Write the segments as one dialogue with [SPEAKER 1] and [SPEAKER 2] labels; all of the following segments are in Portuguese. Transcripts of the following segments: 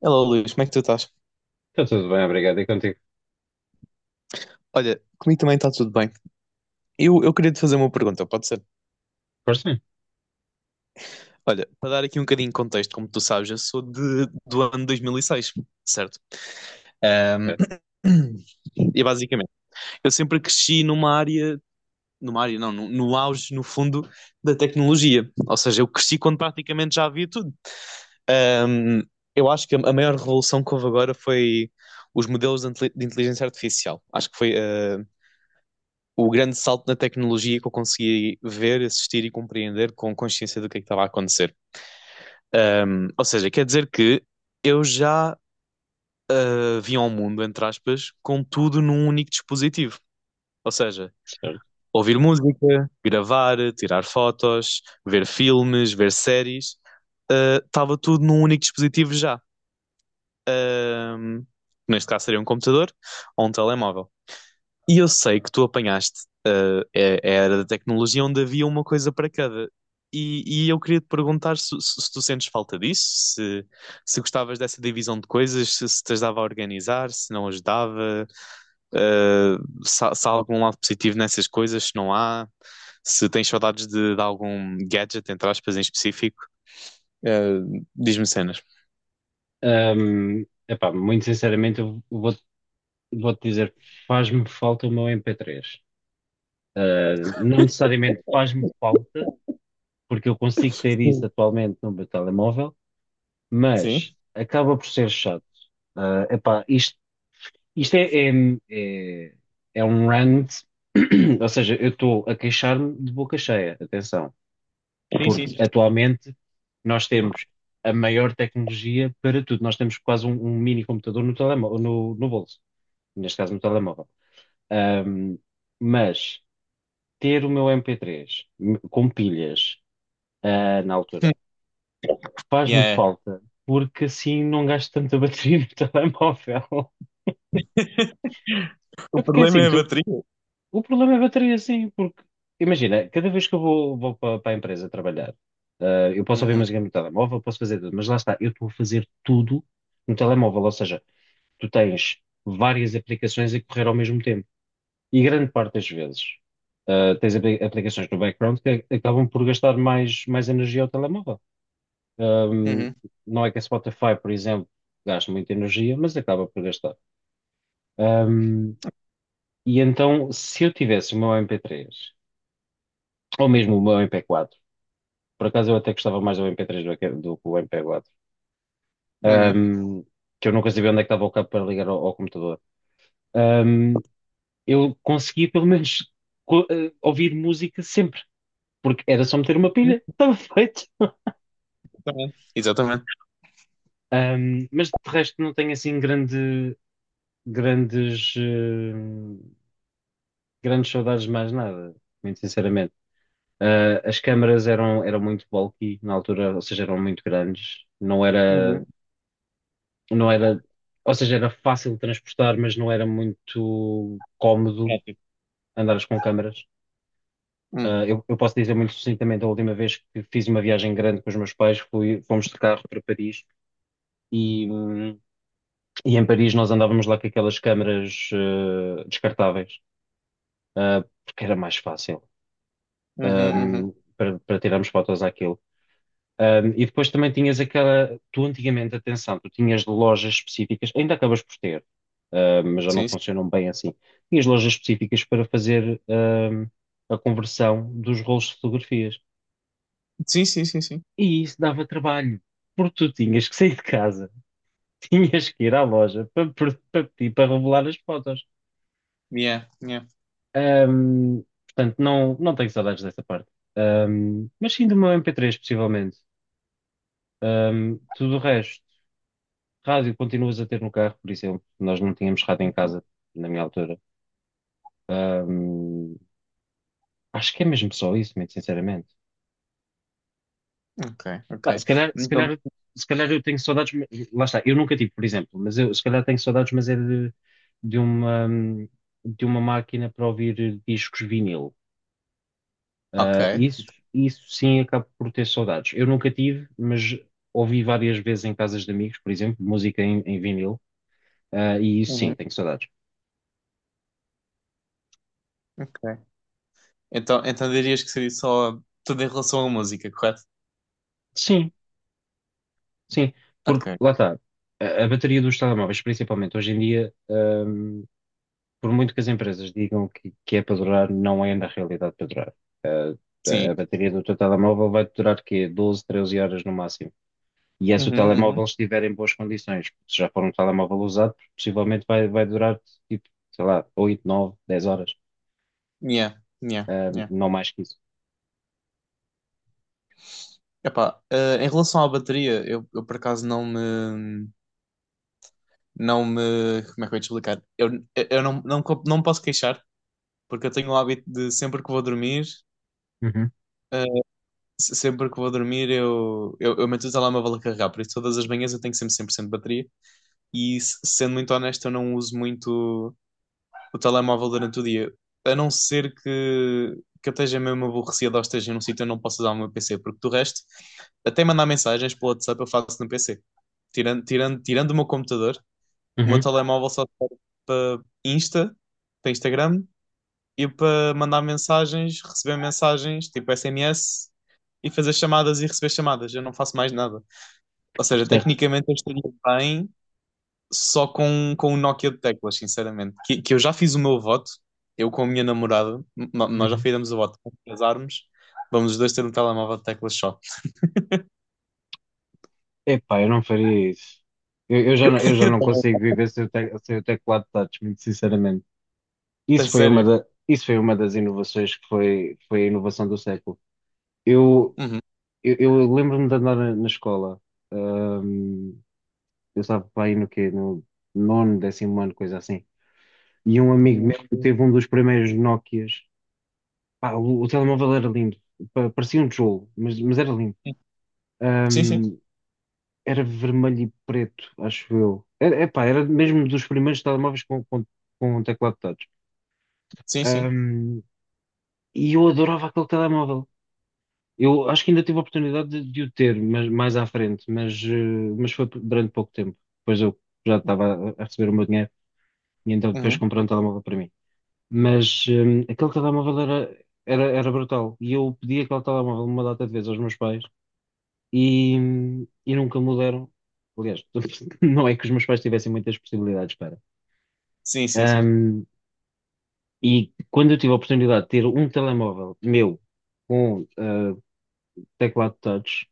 [SPEAKER 1] Hello, Luís, como é que tu estás?
[SPEAKER 2] Está tudo bem, obrigado. E contigo?
[SPEAKER 1] Olha, comigo também está tudo bem. Eu queria te fazer uma pergunta, pode ser?
[SPEAKER 2] Força?
[SPEAKER 1] Olha, para dar aqui um bocadinho de contexto, como tu sabes, eu sou de, do ano 2006, certo? Ahm,
[SPEAKER 2] É,
[SPEAKER 1] E basicamente, eu sempre cresci numa área não, no auge, no fundo, da tecnologia. Ou seja, eu cresci quando praticamente já havia tudo. Ahm, eu acho que a maior revolução que houve agora foi os modelos de de inteligência artificial. Acho que foi. O grande salto na tecnologia que eu consegui ver, assistir e compreender com consciência do que é que estava a acontecer. Ou seja, quer dizer que eu já vim ao mundo, entre aspas, com tudo num único dispositivo. Ou seja,
[SPEAKER 2] certo.
[SPEAKER 1] ouvir música, gravar, tirar fotos, ver filmes, ver séries, estava tudo num único dispositivo já. Um, neste caso seria um computador ou um telemóvel. E eu sei que tu apanhaste a era da tecnologia onde havia uma coisa para cada. E eu queria te perguntar se tu sentes falta disso, se, se gostavas dessa divisão de coisas, se te ajudava a organizar, se não ajudava, uh, se, se há algum lado positivo nessas coisas, se não há, se tens saudades de algum gadget, entre aspas, em específico, diz-me cenas.
[SPEAKER 2] Epá, muito sinceramente, vou-te dizer, faz-me falta o meu MP3. Ah, não necessariamente faz-me falta, porque eu consigo ter isso
[SPEAKER 1] Sim.
[SPEAKER 2] atualmente no meu telemóvel, mas
[SPEAKER 1] Sim?
[SPEAKER 2] acaba por ser chato. Ah, epá, isto, isto é, é, é, é um rant. Ou seja, eu estou a queixar-me de boca cheia, atenção.
[SPEAKER 1] Sim, sim,
[SPEAKER 2] Porque
[SPEAKER 1] sim.
[SPEAKER 2] atualmente nós temos a maior tecnologia para tudo. Nós temos quase um mini computador no telemóvel, no bolso, neste caso no telemóvel. Ahm, mas ter o meu MP3 com pilhas, na altura, faz-me
[SPEAKER 1] Yeah.
[SPEAKER 2] falta, porque assim não gasto tanta bateria no telemóvel.
[SPEAKER 1] O
[SPEAKER 2] É porque
[SPEAKER 1] problema
[SPEAKER 2] assim,
[SPEAKER 1] é a
[SPEAKER 2] tu,
[SPEAKER 1] bateria.
[SPEAKER 2] o problema é a bateria, sim, porque imagina, cada vez que vou para, a empresa trabalhar, eu posso ouvir
[SPEAKER 1] Uhum,
[SPEAKER 2] música no telemóvel, posso fazer tudo, mas lá está, eu estou a fazer tudo no telemóvel, ou seja, tu tens várias aplicações a correr ao mesmo tempo. E grande parte das vezes, tens aplicações no background que acabam por gastar mais energia ao telemóvel. Ahm,
[SPEAKER 1] uhum,
[SPEAKER 2] não é que a Spotify, por exemplo, gaste muita energia, mas acaba por gastar. Ahm, e então, se eu tivesse o meu MP3 ou mesmo o MP4. Por acaso eu até gostava mais do MP3 do que o MP4.
[SPEAKER 1] uhum.
[SPEAKER 2] Ahm, que eu nunca sabia onde é que estava o cabo para ligar ao computador. Ahm, eu conseguia pelo menos ouvir música sempre, porque era só meter uma pilha, estava feito.
[SPEAKER 1] Exatamente, exatamente.
[SPEAKER 2] Mas de resto não tenho assim grandes, eh, grandes saudades de mais nada, muito sinceramente. Ah, as câmaras eram muito bulky na altura, ou seja, eram muito grandes. Não era
[SPEAKER 1] Uhum.
[SPEAKER 2] não era, ou seja, era fácil de transportar, mas não era muito cómodo
[SPEAKER 1] Prático.
[SPEAKER 2] andares com câmaras.
[SPEAKER 1] Hum.
[SPEAKER 2] Ah, eu posso dizer muito sucintamente, a última vez que fiz uma viagem grande com os meus pais, fomos de carro para Paris e, hum, e em Paris nós andávamos lá com aquelas câmaras descartáveis, porque era mais fácil
[SPEAKER 1] Uhum, uhum.
[SPEAKER 2] hum, para tirarmos fotos àquilo. E depois também tinhas aquela. Tu antigamente, atenção, tu tinhas lojas específicas, ainda acabas por ter, mas já não
[SPEAKER 1] Sim,
[SPEAKER 2] funcionam bem assim. Tinhas lojas específicas para fazer, a conversão dos rolos de fotografias.
[SPEAKER 1] sim, sim, sim, sim, sim.
[SPEAKER 2] E isso dava trabalho, porque tu tinhas que sair de casa, tinhas que ir à loja para pedir para revelar as fotos.
[SPEAKER 1] Yeah, yeah.
[SPEAKER 2] Um, portanto, não, não tenho saudades dessa parte. Mas sim do meu MP3, possivelmente. Tudo o resto. Rádio continuas a ter no carro, por exemplo. Nós não tínhamos rádio em casa, na minha altura. Ahm, acho que é mesmo só isso, muito sinceramente.
[SPEAKER 1] Ok,
[SPEAKER 2] Pá,
[SPEAKER 1] ok. Então,
[SPEAKER 2] se calhar eu tenho saudades, lá está, eu nunca tive, por exemplo, mas eu se calhar tenho saudades, mas é de uma, de uma máquina para ouvir discos vinil.
[SPEAKER 1] ok.
[SPEAKER 2] Ah, isso sim, acabo por ter saudades. Eu nunca tive, mas ouvi várias vezes em casas de amigos, por exemplo, música em vinil. Ah, e isso sim,
[SPEAKER 1] Uhum,
[SPEAKER 2] tenho saudades.
[SPEAKER 1] ok. Então, então dirias que seria só tudo em relação à música, correto?
[SPEAKER 2] Sim, sim,
[SPEAKER 1] Ok,
[SPEAKER 2] porque lá está, a bateria dos telemóveis, principalmente hoje em dia, por muito que as empresas digam que é para durar, não é na realidade para durar.
[SPEAKER 1] sim.
[SPEAKER 2] A bateria do teu telemóvel vai durar quê? Doze, 13 horas no máximo. E é se o
[SPEAKER 1] Uhum, uhum.
[SPEAKER 2] telemóvel estiver em boas condições. Se já for um telemóvel usado, possivelmente vai durar tipo, sei lá, 8, 9, 10 horas
[SPEAKER 1] Yeah, yeah, yeah.
[SPEAKER 2] Não mais que isso.
[SPEAKER 1] Epá, em relação à bateria, eu por acaso não me, não me, como é que eu ia te explicar? Eu não, não, não me posso queixar, porque eu tenho o hábito de sempre que vou dormir,
[SPEAKER 2] Uhum,
[SPEAKER 1] sempre que vou dormir eu meto o telemóvel a carregar, por isso todas as manhãs eu tenho sempre 100% de bateria e sendo muito honesto eu não uso muito o telemóvel durante o dia, a não ser que eu esteja mesmo aborrecido ou esteja num sítio eu não posso usar o meu PC, porque do resto até mandar mensagens pelo WhatsApp eu faço no PC. Tirando o meu computador, o meu
[SPEAKER 2] uhum,
[SPEAKER 1] telemóvel só serve para Insta, para Instagram e para mandar mensagens, receber mensagens, tipo SMS, e fazer chamadas e receber chamadas. Eu não faço mais nada. Ou seja,
[SPEAKER 2] certo.
[SPEAKER 1] tecnicamente eu estaria bem só com o Nokia de teclas, sinceramente. Que eu já fiz o meu voto, eu com a minha namorada, nós já
[SPEAKER 2] Uhum.
[SPEAKER 1] fizemos o voto quando casarmos. Vamos os dois ter um telemóvel de teclas só.
[SPEAKER 2] Epá, eu não faria isso. Eu, eu já, não- eu já
[SPEAKER 1] Eu
[SPEAKER 2] não
[SPEAKER 1] também.
[SPEAKER 2] consigo viver sem sem o teclado touch, muito sinceramente.
[SPEAKER 1] A sério.
[SPEAKER 2] Isso foi uma das inovações que foi a inovação do século. Eu,
[SPEAKER 1] Uhum.
[SPEAKER 2] eu lembro-me de andar na escola, hum, eu estava para aí no quê? No nono, décimo ano, coisa assim. E um amigo
[SPEAKER 1] Uhum.
[SPEAKER 2] meu teve um dos primeiros Nokias. Pá, o telemóvel era lindo, parecia um tijolo, mas era lindo.
[SPEAKER 1] Sim,
[SPEAKER 2] Hum,
[SPEAKER 1] sim.
[SPEAKER 2] Era vermelho e preto, acho eu. Epá, era mesmo dos primeiros telemóveis com um teclado touch.
[SPEAKER 1] Sim, sim.
[SPEAKER 2] Ahm, e eu adorava aquele telemóvel. Eu acho que ainda tive a oportunidade de o ter, mas mais à frente, mas foi durante pouco tempo. Depois eu já estava a receber o meu dinheiro e então depois
[SPEAKER 1] Uhum.
[SPEAKER 2] comprei um telemóvel para mim. Mas aquele telemóvel era brutal. E eu pedi aquele telemóvel uma data de vezes aos meus pais e, e nunca me deram. Aliás, não é que os meus pais tivessem muitas possibilidades para.
[SPEAKER 1] Sim, sim, sim.
[SPEAKER 2] Ahm, e quando eu tive a oportunidade de ter um telemóvel meu com teclado touch,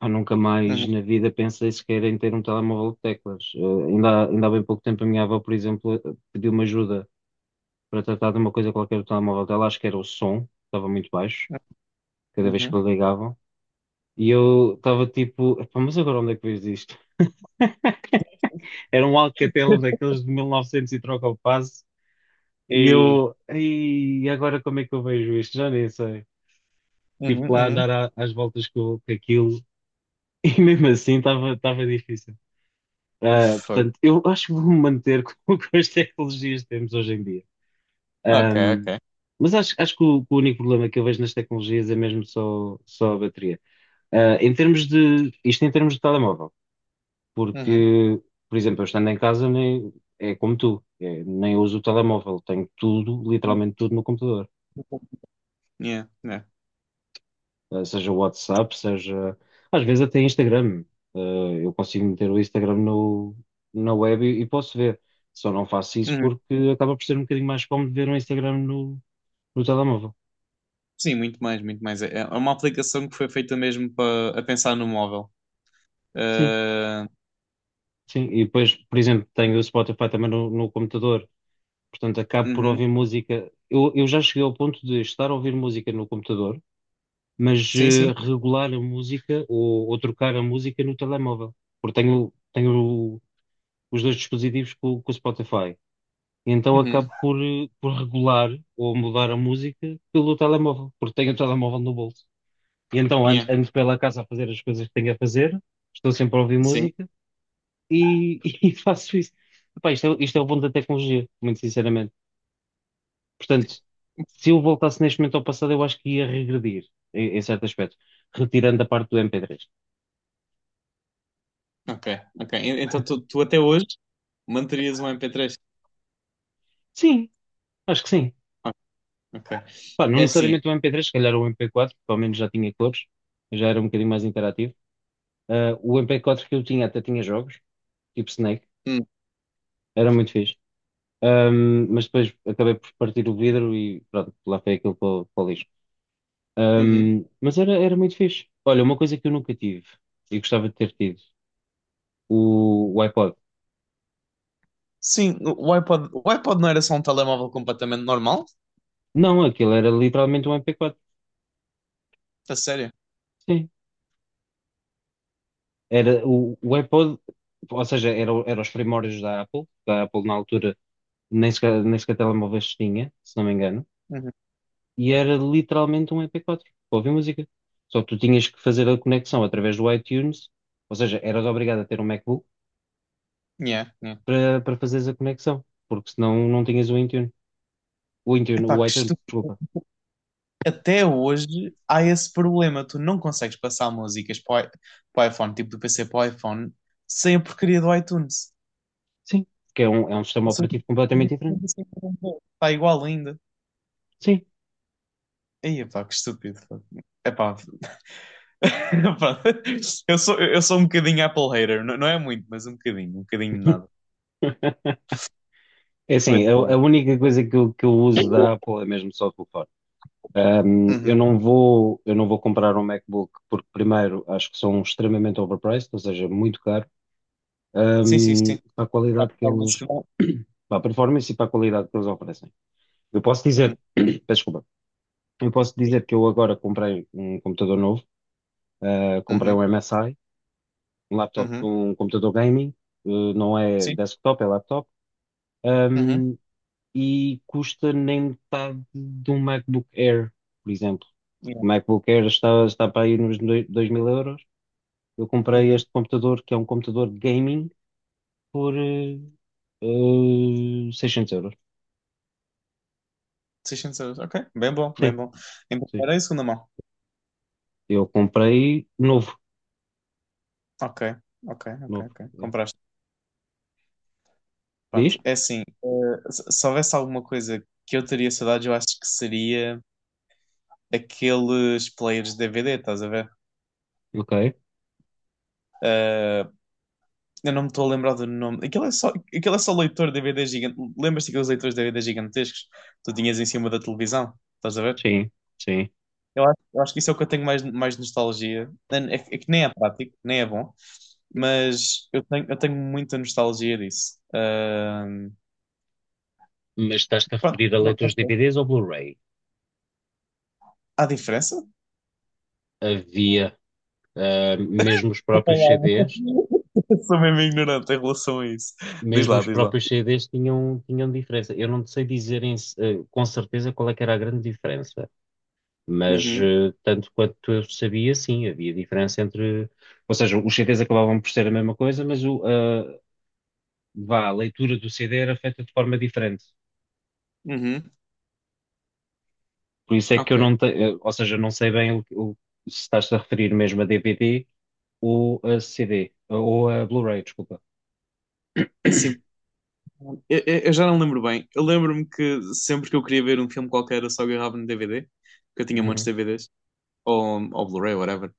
[SPEAKER 2] eu nunca mais
[SPEAKER 1] Uhum.
[SPEAKER 2] na vida pensei sequer em ter um telemóvel de teclas. Ah, ainda há bem pouco tempo a minha avó, por exemplo, pediu-me ajuda para tratar de uma coisa qualquer do telemóvel dela. Acho que era o som, estava muito baixo,
[SPEAKER 1] Uhum.
[SPEAKER 2] cada vez que
[SPEAKER 1] Uhum.
[SPEAKER 2] ligavam. E eu estava tipo, "Epá, mas agora onde é que vejo isto? Era um Alcatel daqueles de 1900 e novecentos e troca o passo. E
[SPEAKER 1] E...
[SPEAKER 2] eu, e agora como é que eu vejo isto? Já nem sei." Tive que
[SPEAKER 1] Uhum,
[SPEAKER 2] lá
[SPEAKER 1] uhum.
[SPEAKER 2] andar às voltas com aquilo e mesmo assim estava difícil. Ah,
[SPEAKER 1] Fogo.
[SPEAKER 2] portanto, eu acho que vou-me manter com as tecnologias que temos hoje em dia.
[SPEAKER 1] Ok,
[SPEAKER 2] Ahm,
[SPEAKER 1] ok.
[SPEAKER 2] mas acho que o, único problema que eu vejo nas tecnologias é mesmo só a bateria. Ah, isto em termos de telemóvel.
[SPEAKER 1] Uhum.
[SPEAKER 2] Porque, por exemplo, eu estando em casa nem, é como tu, é, nem uso o telemóvel, tenho tudo, literalmente tudo no computador.
[SPEAKER 1] Yeah, yeah.
[SPEAKER 2] Seja o WhatsApp, seja às vezes até Instagram. Eu consigo meter o Instagram no, na web e posso ver. Só não faço isso
[SPEAKER 1] Uhum.
[SPEAKER 2] porque acaba por ser um bocadinho mais cómodo ver o Instagram no telemóvel.
[SPEAKER 1] Sim, muito mais, muito mais. É é uma aplicação que foi feita mesmo para a pensar no móvel.
[SPEAKER 2] Sim,
[SPEAKER 1] Ah,
[SPEAKER 2] sim. E depois, por exemplo, tenho o Spotify também no computador, portanto acabo por
[SPEAKER 1] uhum.
[SPEAKER 2] ouvir música. Eu já cheguei ao ponto de estar a ouvir música no computador mas
[SPEAKER 1] Sim, sim.
[SPEAKER 2] regular a música ou trocar a música no telemóvel, porque tenho os dois dispositivos com o Spotify. E então
[SPEAKER 1] Uhum.
[SPEAKER 2] acabo por, por regular ou mudar a música pelo telemóvel, porque tenho o telemóvel no bolso. E então
[SPEAKER 1] Yeah.
[SPEAKER 2] ando pela casa a fazer as coisas que tenho a fazer, estou sempre a ouvir
[SPEAKER 1] Sim.
[SPEAKER 2] música e faço isso. Epá, isto é o bom da tecnologia, muito sinceramente. Portanto, se eu voltasse neste momento ao passado, eu acho que ia regredir em certo aspecto, retirando a parte do MP3.
[SPEAKER 1] Ok, ok. Então tu, tu até hoje manterias um MP3?
[SPEAKER 2] Sim, acho que sim.
[SPEAKER 1] Ok, ok.
[SPEAKER 2] Pá, não
[SPEAKER 1] É assim.
[SPEAKER 2] necessariamente o MP3, se calhar o MP4, porque ao menos já tinha cores, já era um bocadinho mais interativo. Ah, o MP4 que eu tinha até tinha jogos, tipo Snake,
[SPEAKER 1] Hum,
[SPEAKER 2] era muito fixe. Mas depois acabei por partir o vidro e pronto, lá foi aquilo para o lixo.
[SPEAKER 1] uhum.
[SPEAKER 2] Mas era muito fixe. Olha, uma coisa que eu nunca tive e gostava de ter tido, o iPod.
[SPEAKER 1] Sim, o iPod não era só um telemóvel completamente normal?
[SPEAKER 2] Não, aquilo era literalmente um MP4.
[SPEAKER 1] A sério?
[SPEAKER 2] Sim. Era o iPod, ou seja, era os primórdios da Apple, na altura nem sequer telemóveis tinha, se não me engano,
[SPEAKER 1] Uhum.
[SPEAKER 2] e era literalmente um MP4 para ouvir música. Só que tu tinhas que fazer a conexão através do iTunes, ou seja, eras obrigado a ter um MacBook
[SPEAKER 1] Yeah, yeah.
[SPEAKER 2] para fazeres a conexão, porque senão não tinhas o iTunes.
[SPEAKER 1] Epá,
[SPEAKER 2] O
[SPEAKER 1] que
[SPEAKER 2] iTunes, desculpa.
[SPEAKER 1] até hoje há esse problema. Tu não consegues passar músicas para o para o iPhone, tipo do PC para o iPhone, sem a porcaria do iTunes.
[SPEAKER 2] Sim, que é é um sistema
[SPEAKER 1] Ou seja,
[SPEAKER 2] operativo completamente diferente.
[SPEAKER 1] está igual ainda.
[SPEAKER 2] Sim.
[SPEAKER 1] Aí, pá, que estúpido, pá. Epá, pá, eu sou um bocadinho Apple hater, não, não é muito, mas um bocadinho de nada.
[SPEAKER 2] É
[SPEAKER 1] Mas
[SPEAKER 2] assim, a
[SPEAKER 1] pronto.
[SPEAKER 2] única coisa que eu uso da Apple é mesmo só o telefone.
[SPEAKER 1] Uhum.
[SPEAKER 2] Eu não vou comprar um MacBook porque, primeiro, acho que são extremamente overpriced, ou seja, muito caro.
[SPEAKER 1] Sim, sim, sim.
[SPEAKER 2] Para a
[SPEAKER 1] Tá,
[SPEAKER 2] qualidade que
[SPEAKER 1] performance
[SPEAKER 2] eles,
[SPEAKER 1] que dá.
[SPEAKER 2] para a performance e para a qualidade que eles oferecem. Eu posso
[SPEAKER 1] Uhum,
[SPEAKER 2] dizer, peço desculpa, eu posso dizer que eu agora comprei um computador novo, comprei
[SPEAKER 1] uhum,
[SPEAKER 2] um MSI, um laptop,
[SPEAKER 1] uhum.
[SPEAKER 2] um computador gaming, não é
[SPEAKER 1] Sim.
[SPEAKER 2] desktop, é laptop,
[SPEAKER 1] Uhum.
[SPEAKER 2] hum, e custa nem metade de um MacBook Air, por exemplo.
[SPEAKER 1] Yeah.
[SPEAKER 2] O MacBook Air está para aí nos 2000 euros. Eu comprei
[SPEAKER 1] Uhum.
[SPEAKER 2] este computador, que é um computador gaming, por 600 euros.
[SPEAKER 1] 600€. Ok, bem bom, bem bom. Em
[SPEAKER 2] Sim,
[SPEAKER 1] primeira e segunda mão.
[SPEAKER 2] eu comprei novo,
[SPEAKER 1] Ok, ok, ok,
[SPEAKER 2] novo.
[SPEAKER 1] ok.
[SPEAKER 2] É.
[SPEAKER 1] Compraste.
[SPEAKER 2] Diz?
[SPEAKER 1] Pronto. É assim, se se houvesse alguma coisa que eu teria saudades, eu acho que seria aqueles players de DVD, estás a ver?
[SPEAKER 2] Ok.
[SPEAKER 1] Eh, eu não me estou a lembrar do nome. Aquilo é só leitor de DVD gigante. Lembras-te daqueles leitores de DVD gigantescos que tu tinhas em cima da televisão? Estás a ver?
[SPEAKER 2] Sim, sim.
[SPEAKER 1] Eu acho que isso é o que eu tenho mais, mais nostalgia. É, é que nem é prático, nem é bom, mas eu tenho muita nostalgia disso.
[SPEAKER 2] Mas estás-te a
[SPEAKER 1] Pronto,
[SPEAKER 2] referir a
[SPEAKER 1] não não
[SPEAKER 2] leitores
[SPEAKER 1] sei.
[SPEAKER 2] DVDs ou Blu-ray?
[SPEAKER 1] Há diferença?
[SPEAKER 2] Havia, mesmo os próprios
[SPEAKER 1] Olá,
[SPEAKER 2] CDs
[SPEAKER 1] sou mesmo ignorante em relação a isso. Diz lá,
[SPEAKER 2] mesmo
[SPEAKER 1] diz lá.
[SPEAKER 2] os próprios CDs tinham diferença. Eu não sei dizer com certeza qual é que era a grande diferença,
[SPEAKER 1] Uhum,
[SPEAKER 2] tanto quanto eu sabia, sim, havia diferença entre. Ou seja, os CDs acabavam por ser a mesma coisa, mas vá, a leitura do CD era feita de forma diferente.
[SPEAKER 1] uhum,
[SPEAKER 2] Por isso é que eu
[SPEAKER 1] ok.
[SPEAKER 2] não tenho, ou seja, não sei bem o- se estás a referir mesmo a DVD ou a CD, ou a Blu-ray, desculpa.
[SPEAKER 1] É assim, eu já não lembro bem. Eu lembro-me que sempre que eu queria ver um filme qualquer, eu só agarrava no DVD, porque eu tinha montes
[SPEAKER 2] Uhum.
[SPEAKER 1] de DVDs, ou Blu-ray, whatever.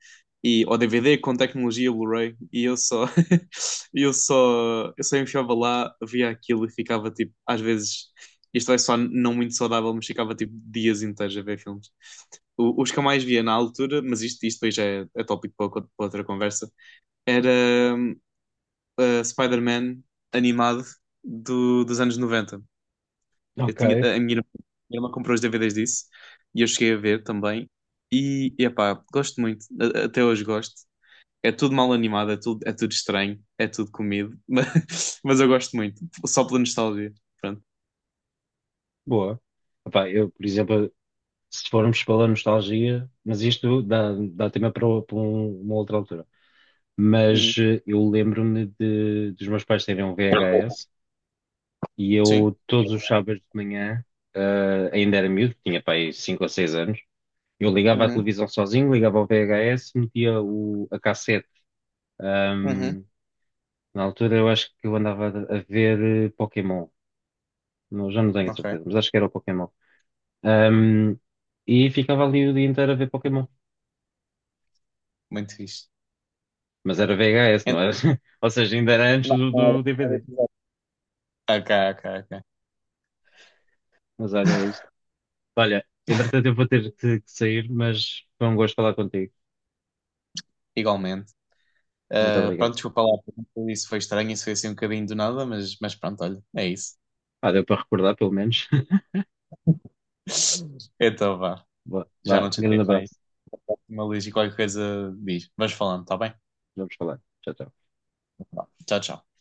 [SPEAKER 1] E, ou DVD com tecnologia Blu-ray, e eu só, eu só enfiava lá, via aquilo e ficava tipo, às vezes, isto é só não muito saudável, mas ficava tipo dias inteiros a ver filmes. Os que eu mais via na altura, mas isto depois já é, é tópico para, para outra conversa, era a Spider-Man animado dos anos 90. Eu
[SPEAKER 2] Ok,
[SPEAKER 1] tinha, a minha irmã comprou os DVDs disso e eu cheguei a ver também. E, epá, gosto muito, até hoje gosto. É tudo mal animado, é tudo estranho, é tudo comido, mas eu gosto muito, só pela nostalgia. Pronto.
[SPEAKER 2] boa. Epá, eu, por exemplo, se formos pela nostalgia, mas isto dá tema para uma outra altura.
[SPEAKER 1] Uhum,
[SPEAKER 2] Mas eu lembro-me dos meus pais terem um VHS e
[SPEAKER 1] sim,
[SPEAKER 2] eu, todos os sábados de manhã, ainda era miúdo, tinha pai 5 ou 6 anos. Eu ligava à
[SPEAKER 1] uhum,
[SPEAKER 2] televisão sozinho, ligava ao VHS, metia a cassete.
[SPEAKER 1] uhum,
[SPEAKER 2] Ahm, Na altura eu acho que eu andava a ver Pokémon. Não, já não tenho a
[SPEAKER 1] ok,
[SPEAKER 2] certeza, mas acho que era o Pokémon. Ahm, e ficava ali o dia inteiro a ver Pokémon.
[SPEAKER 1] muito fixe.
[SPEAKER 2] Mas era VHS,
[SPEAKER 1] Então,
[SPEAKER 2] não era? Ou seja, ainda era antes
[SPEAKER 1] não,
[SPEAKER 2] do
[SPEAKER 1] não era
[SPEAKER 2] DVD.
[SPEAKER 1] episódio. Ok, ok.
[SPEAKER 2] Mas olha, é isto. Olha, entretanto eu vou ter que sair, mas foi um gosto falar contigo.
[SPEAKER 1] Igualmente.
[SPEAKER 2] Muito
[SPEAKER 1] Pronto,
[SPEAKER 2] obrigado.
[SPEAKER 1] desculpa lá, isso foi estranho, isso foi assim um bocadinho do nada, mas pronto, olha, é isso.
[SPEAKER 2] Ah, deu para recordar, pelo menos.
[SPEAKER 1] Então vá,
[SPEAKER 2] Boa,
[SPEAKER 1] já
[SPEAKER 2] vá,
[SPEAKER 1] não te
[SPEAKER 2] grande
[SPEAKER 1] tenho mais.
[SPEAKER 2] abraço.
[SPEAKER 1] Uma luz e qualquer coisa diz. Vamos falando, tá bem?
[SPEAKER 2] Vamos falar. Tchau, tchau.
[SPEAKER 1] Vá, tchau, tchau.